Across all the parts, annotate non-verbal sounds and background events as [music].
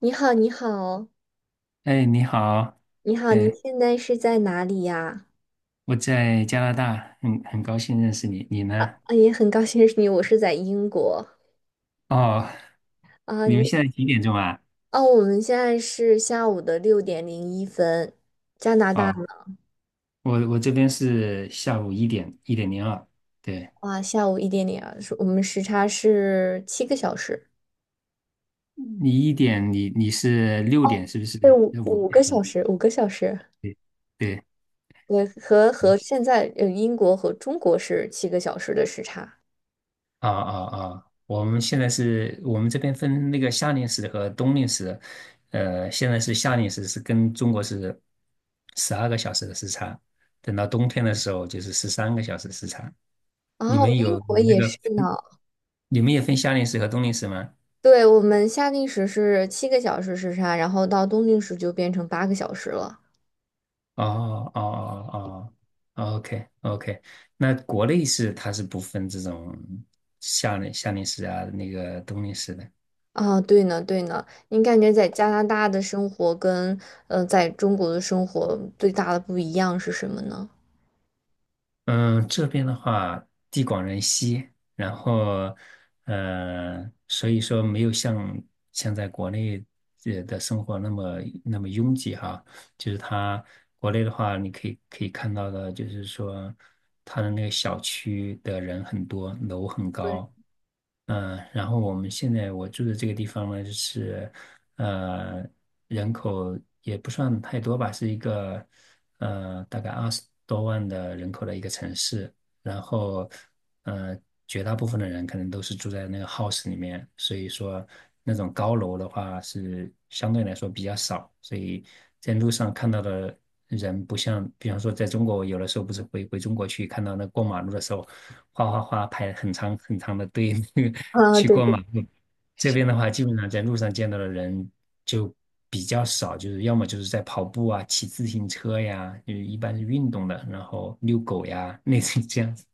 你好，你好，哎，你好。你好，你哎，现在是在哪里呀？我在加拿大，很高兴认识你，你呢？啊，也很高兴认识你，我是在英国哦，啊。你们现在几点钟啊？哦，我们现在是下午的六点零一分，加拿大哦，呢？我这边是下午一点零二，对。哇，下午一点零二，是我们时差是七个小时，你一点，你是六点是不是？对，五要五个五个小小时？时，五个小时，对对。对，和现在英国和中国是七个小时的时差。啊啊啊！我们现在是我们这边分那个夏令时和冬令时。现在是夏令时是跟中国是十二个小时的时差，等到冬天的时候就是十三个小时时差。你哦，们英有你国们那也个，是呢。你们也分夏令时和冬令时吗？对，我们夏令时是七个小时时差，然后到冬令时就变成8个小时了。哦哦，哦哦，OK OK。那国内是它是不分这种夏令时啊，那个冬令时的。啊，对呢，对呢，你感觉在加拿大的生活跟在中国的生活最大的不一样是什么呢？嗯，这边的话，地广人稀。然后，所以说没有像在国内的生活那么拥挤哈。就是它国内的话，你可以看到的，就是说它的那个小区的人很多，楼很对，高。嗯，然后我们现在我住的这个地方呢，就是呃，人口也不算太多吧，是一个大概二十多万的人口的一个城市。然后呃，绝大部分的人可能都是住在那个 house 里面，所以说那种高楼的话是相对来说比较少，所以在路上看到的人不像，比方说在中国，有的时候不是回中国去看到那过马路的时候。哗哗哗排很长的队，[laughs] 那个啊，去对过对。马路。这是。边的话，基本上在路上见到的人就比较少，就是要么就是在跑步啊、骑自行车呀，就是一般是运动的，然后遛狗呀，类似于这样子。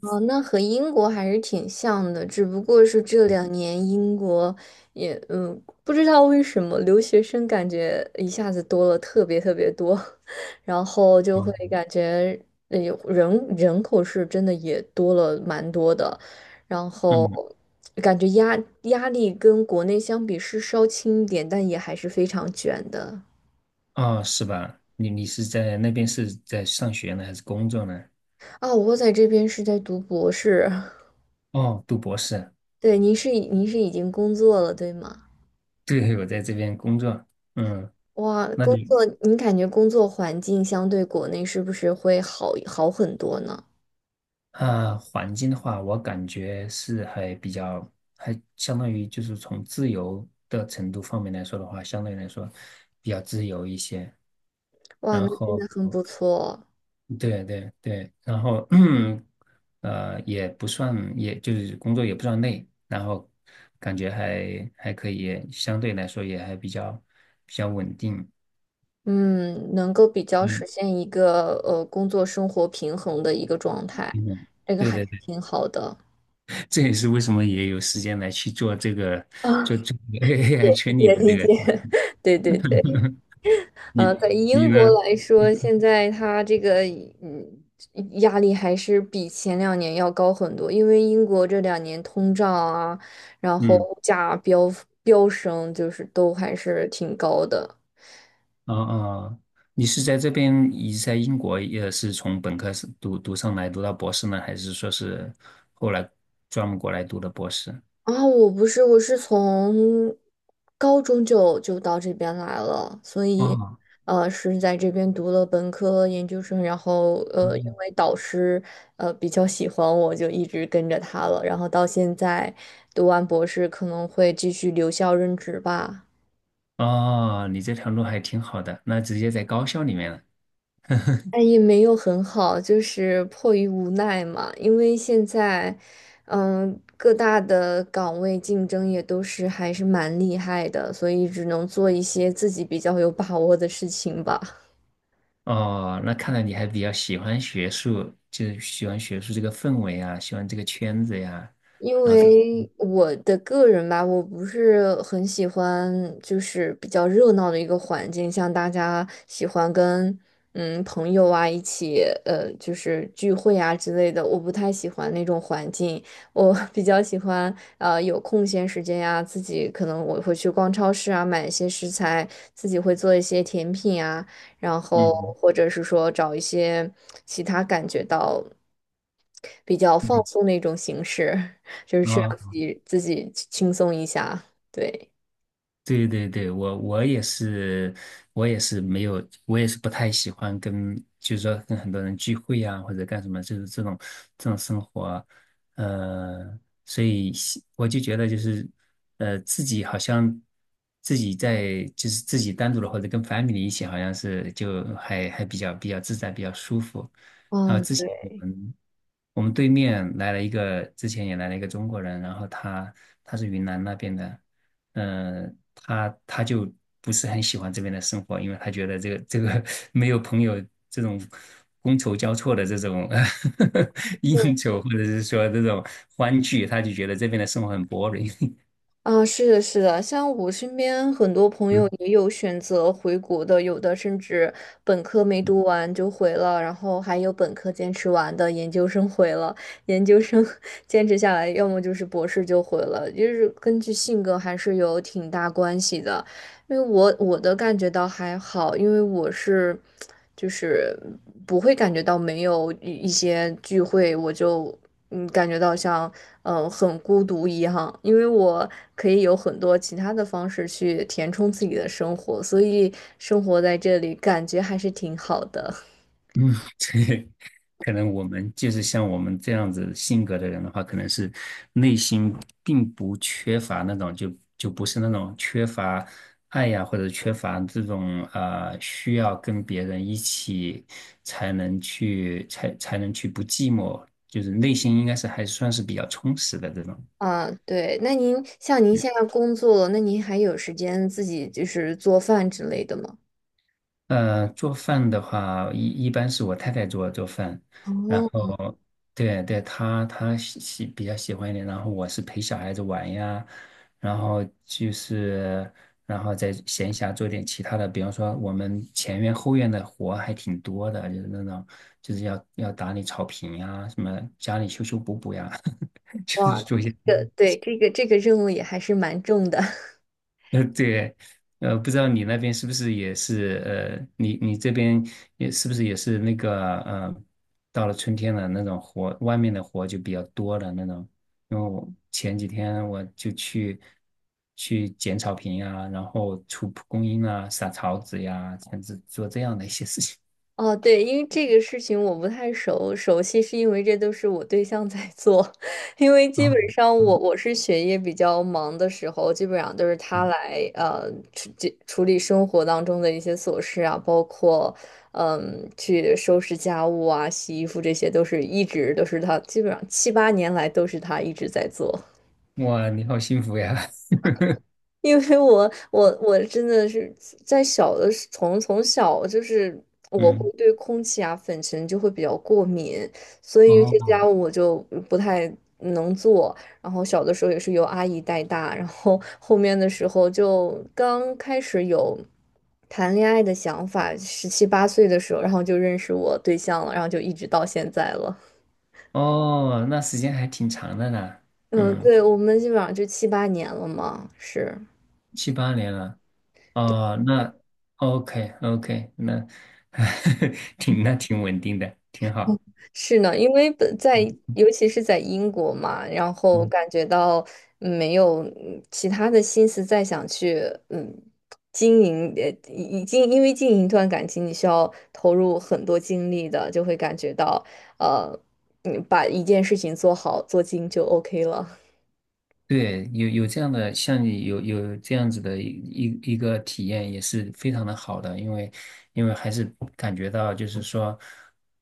哦，那和英国还是挺像的，只不过是这两年英国也不知道为什么留学生感觉一下子多了特别特别多，[laughs] 然后就会嗯感觉呃有人人口是真的也多了蛮多的，然后嗯。感觉压力跟国内相比是稍轻一点，但也还是非常卷的。哦，是吧？你是在那边是在上学呢，还是工作呢？啊，我在这边是在读博士，[laughs] 哦，读博士。对，您是已经工作了，对吗？对，我在这边工作。嗯，哇，那工你？作，你感觉工作环境相对国内是不是会好很多呢？啊，环境的话，我感觉是还比较，还相当于就是从自由的程度方面来说的话，相对来说比较自由一些。哇，然那真后，的很不错，对对对，然后 [clears throat] 也不算，也就是工作也不算累，然后感觉还可以，相对来说也还比较稳定。嗯，能够比较实嗯，现一个工作生活平衡的一个状态，平稳。这个对还是对对，挺好的。这也是为什么也有时间来去做这个啊，做这个 AI 圈 [laughs] 里也的这理解理个。解，[laughs] 对对对。[laughs] 在你英国呢？来嗯，说，现在它这个嗯压力还是比前两年要高很多，因为英国这两年通胀啊，然后嗯。物价飙升，就是都还是挺高的。哦哦，你是在这边，你在英国也是从本科是读上来，读到博士呢，还是说是后来专门过来读的博士？啊，我不是，我是从高中就到这边来了，所以，哦。是在这边读了本科、研究生，然后，因嗯。为导师，比较喜欢我，就一直跟着他了，然后到现在读完博士，可能会继续留校任职吧。哦，你这条路还挺好的，那直接在高校里面了。哎，也没有很好，就是迫于无奈嘛。因为现在，各大的岗位竞争也都是还是蛮厉害的，所以只能做一些自己比较有把握的事情吧。哦，那看来你还比较喜欢学术，就是喜欢学术这个氛围啊，喜欢这个圈子呀，因然后这，为我的个人吧，我不是很喜欢，就是比较热闹的一个环境，像大家喜欢跟朋友啊一起，就是聚会啊之类的，我不太喜欢那种环境。我 [laughs] 比较喜欢，有空闲时间呀、自己可能我会去逛超市啊，买一些食材，自己会做一些甜品啊，然后嗯或者是说找一些其他感觉到比较嗯，放松的一种形式。就是去让自啊。己自己轻松一下。对，对对对，我也是，我也是没有，我也是不太喜欢跟，就是说跟很多人聚会呀、或者干什么，就是这种生活。呃，所以喜我就觉得就是，自己好像自己在就是自己单独的或者跟 family 一起，好像是就还比较自在，比较舒服。然后嗯，之前我对，们我们对面来了一个，之前也来了一个中国人，然后他他是云南那边的。嗯、他就不是很喜欢这边的生活，因为他觉得这个没有朋友这种觥筹交错的这种 [laughs] 应酬，或者是说这种欢聚，他就觉得这边的生活很 boring。[laughs] 啊，是的，是的，像我身边很多朋友也有选择回国的，有的甚至本科没读完就回了，然后还有本科坚持完的，研究生回了，研究生 [laughs] 坚持下来，要么就是博士就回了，就是根据性格还是有挺大关系的。因为我的感觉到还好，因为我是就是不会感觉到没有一些聚会，我就感觉到像很孤独一样，因为我可以有很多其他的方式去填充自己的生活，所以生活在这里感觉还是挺好的。嗯，对。可能我们就是像我们这样子性格的人的话，可能是内心并不缺乏那种，就就不是那种缺乏爱呀、或者缺乏这种需要跟别人一起才能去才能去不寂寞，就是内心应该是还算是比较充实的这种。啊，对，那您像您嗯。现在工作了那您还有时间自己就是做饭之类的吗？做饭的话，一般是我太太做饭，然哦，后对对，她比较喜欢一点，然后我是陪小孩子玩呀，然后就是然后在闲暇做点其他的，比方说我们前院后院的活还挺多的，就是那种就是要打理草坪呀，什么家里修修补补呀，[laughs] 就是哇，做一些。这个对，这个任务也还是蛮重的。呃，对。不知道你那边是不是也是，你这边也是不是也是那个，到了春天了，那种活，外面的活就比较多的那种。因为我前几天我就去去剪草坪啊，然后除蒲公英啊，撒草籽呀，这样子做这样的一些事情。哦，对，因为这个事情我不太熟悉，是因为这都是我对象在做，[laughs] 因为啊，基本上我嗯我是学业比较忙的时候，基本上都是他嗯。来处理生活当中的一些琐事啊，包括去收拾家务啊、洗衣服这些，都是一直都是他，基本上七八年来都是他一直在做。哇，你好幸福呀！因为我真的是在小的时从从小就是 [laughs] 我会嗯。对空气啊粉尘就会比较过敏，所以有些哦。家务我就不太能做。然后小的时候也是由阿姨带大，然后后面的时候就刚开始有谈恋爱的想法，十七八岁的时候，然后就认识我对象了，然后就一直到现在了。哦，那时间还挺长的呢。嗯，嗯，对，我们基本上就七八年了嘛，是。七八年了。哦，那 OK OK,那 [laughs] 挺那挺稳定的，挺嗯好。是呢，因为本在尤其是在英国嘛，然后嗯。感觉到没有其他的心思再想去嗯经营，已经因为经营一段感情，你需要投入很多精力的，就会感觉到呃，把一件事情做好做精就 OK 了。对，有有这样的，像你有有这样子的一个体验，也是非常的好的，因为因为还是感觉到就是说，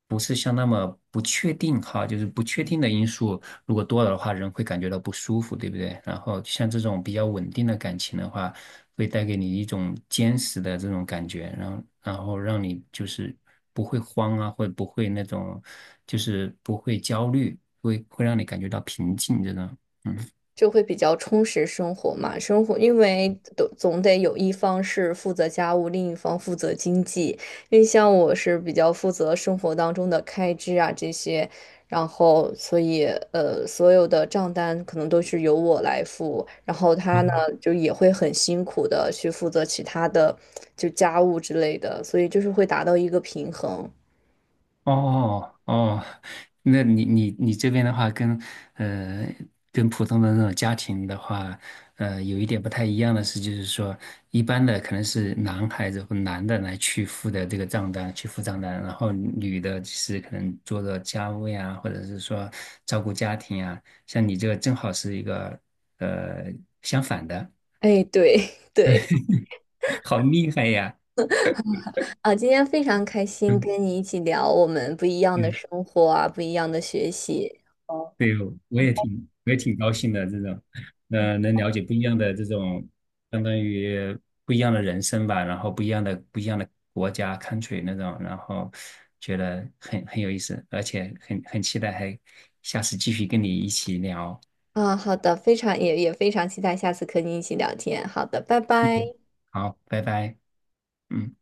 不是像那么不确定哈，就是不确定的因素如果多了的话，人会感觉到不舒服，对不对？然后像这种比较稳定的感情的话，会带给你一种坚实的这种感觉，然后然后让你就是不会慌啊，或者不会那种就是不会焦虑，会让你感觉到平静这种。就会比较充实生活嘛。生活因为都总得有一方是负责家务，另一方负责经济。因为像我是比较负责生活当中的开支啊这些，然后所以所有的账单可能都是由我来付，然后他呢就也会很辛苦的去负责其他的就家务之类的，所以就是会达到一个平衡。哦哦，那你这边的话跟，呃跟普通的那种家庭的话，呃，有一点不太一样的是，就是说一般的可能是男孩子或男的来去付的这个账单，去付账单，然后女的是可能做家务呀，或者是说照顾家庭呀。像你这个正好是一个呃相反的。哎，对 [laughs] 对。[laughs] 好厉害呀！啊，今天非常开心嗯。跟你一起聊我们不一样的生活啊，不一样的学习对，我也挺高兴的，这种，能了解不一样的这种，相当于不一样的人生吧，然后不一样的国家 country 那种，然后觉得很有意思，而且很期待还下次继续跟你一起聊。啊。好的，非常也非常期待下次和你一起聊天。好的，拜拜。嗯，好，拜拜。嗯。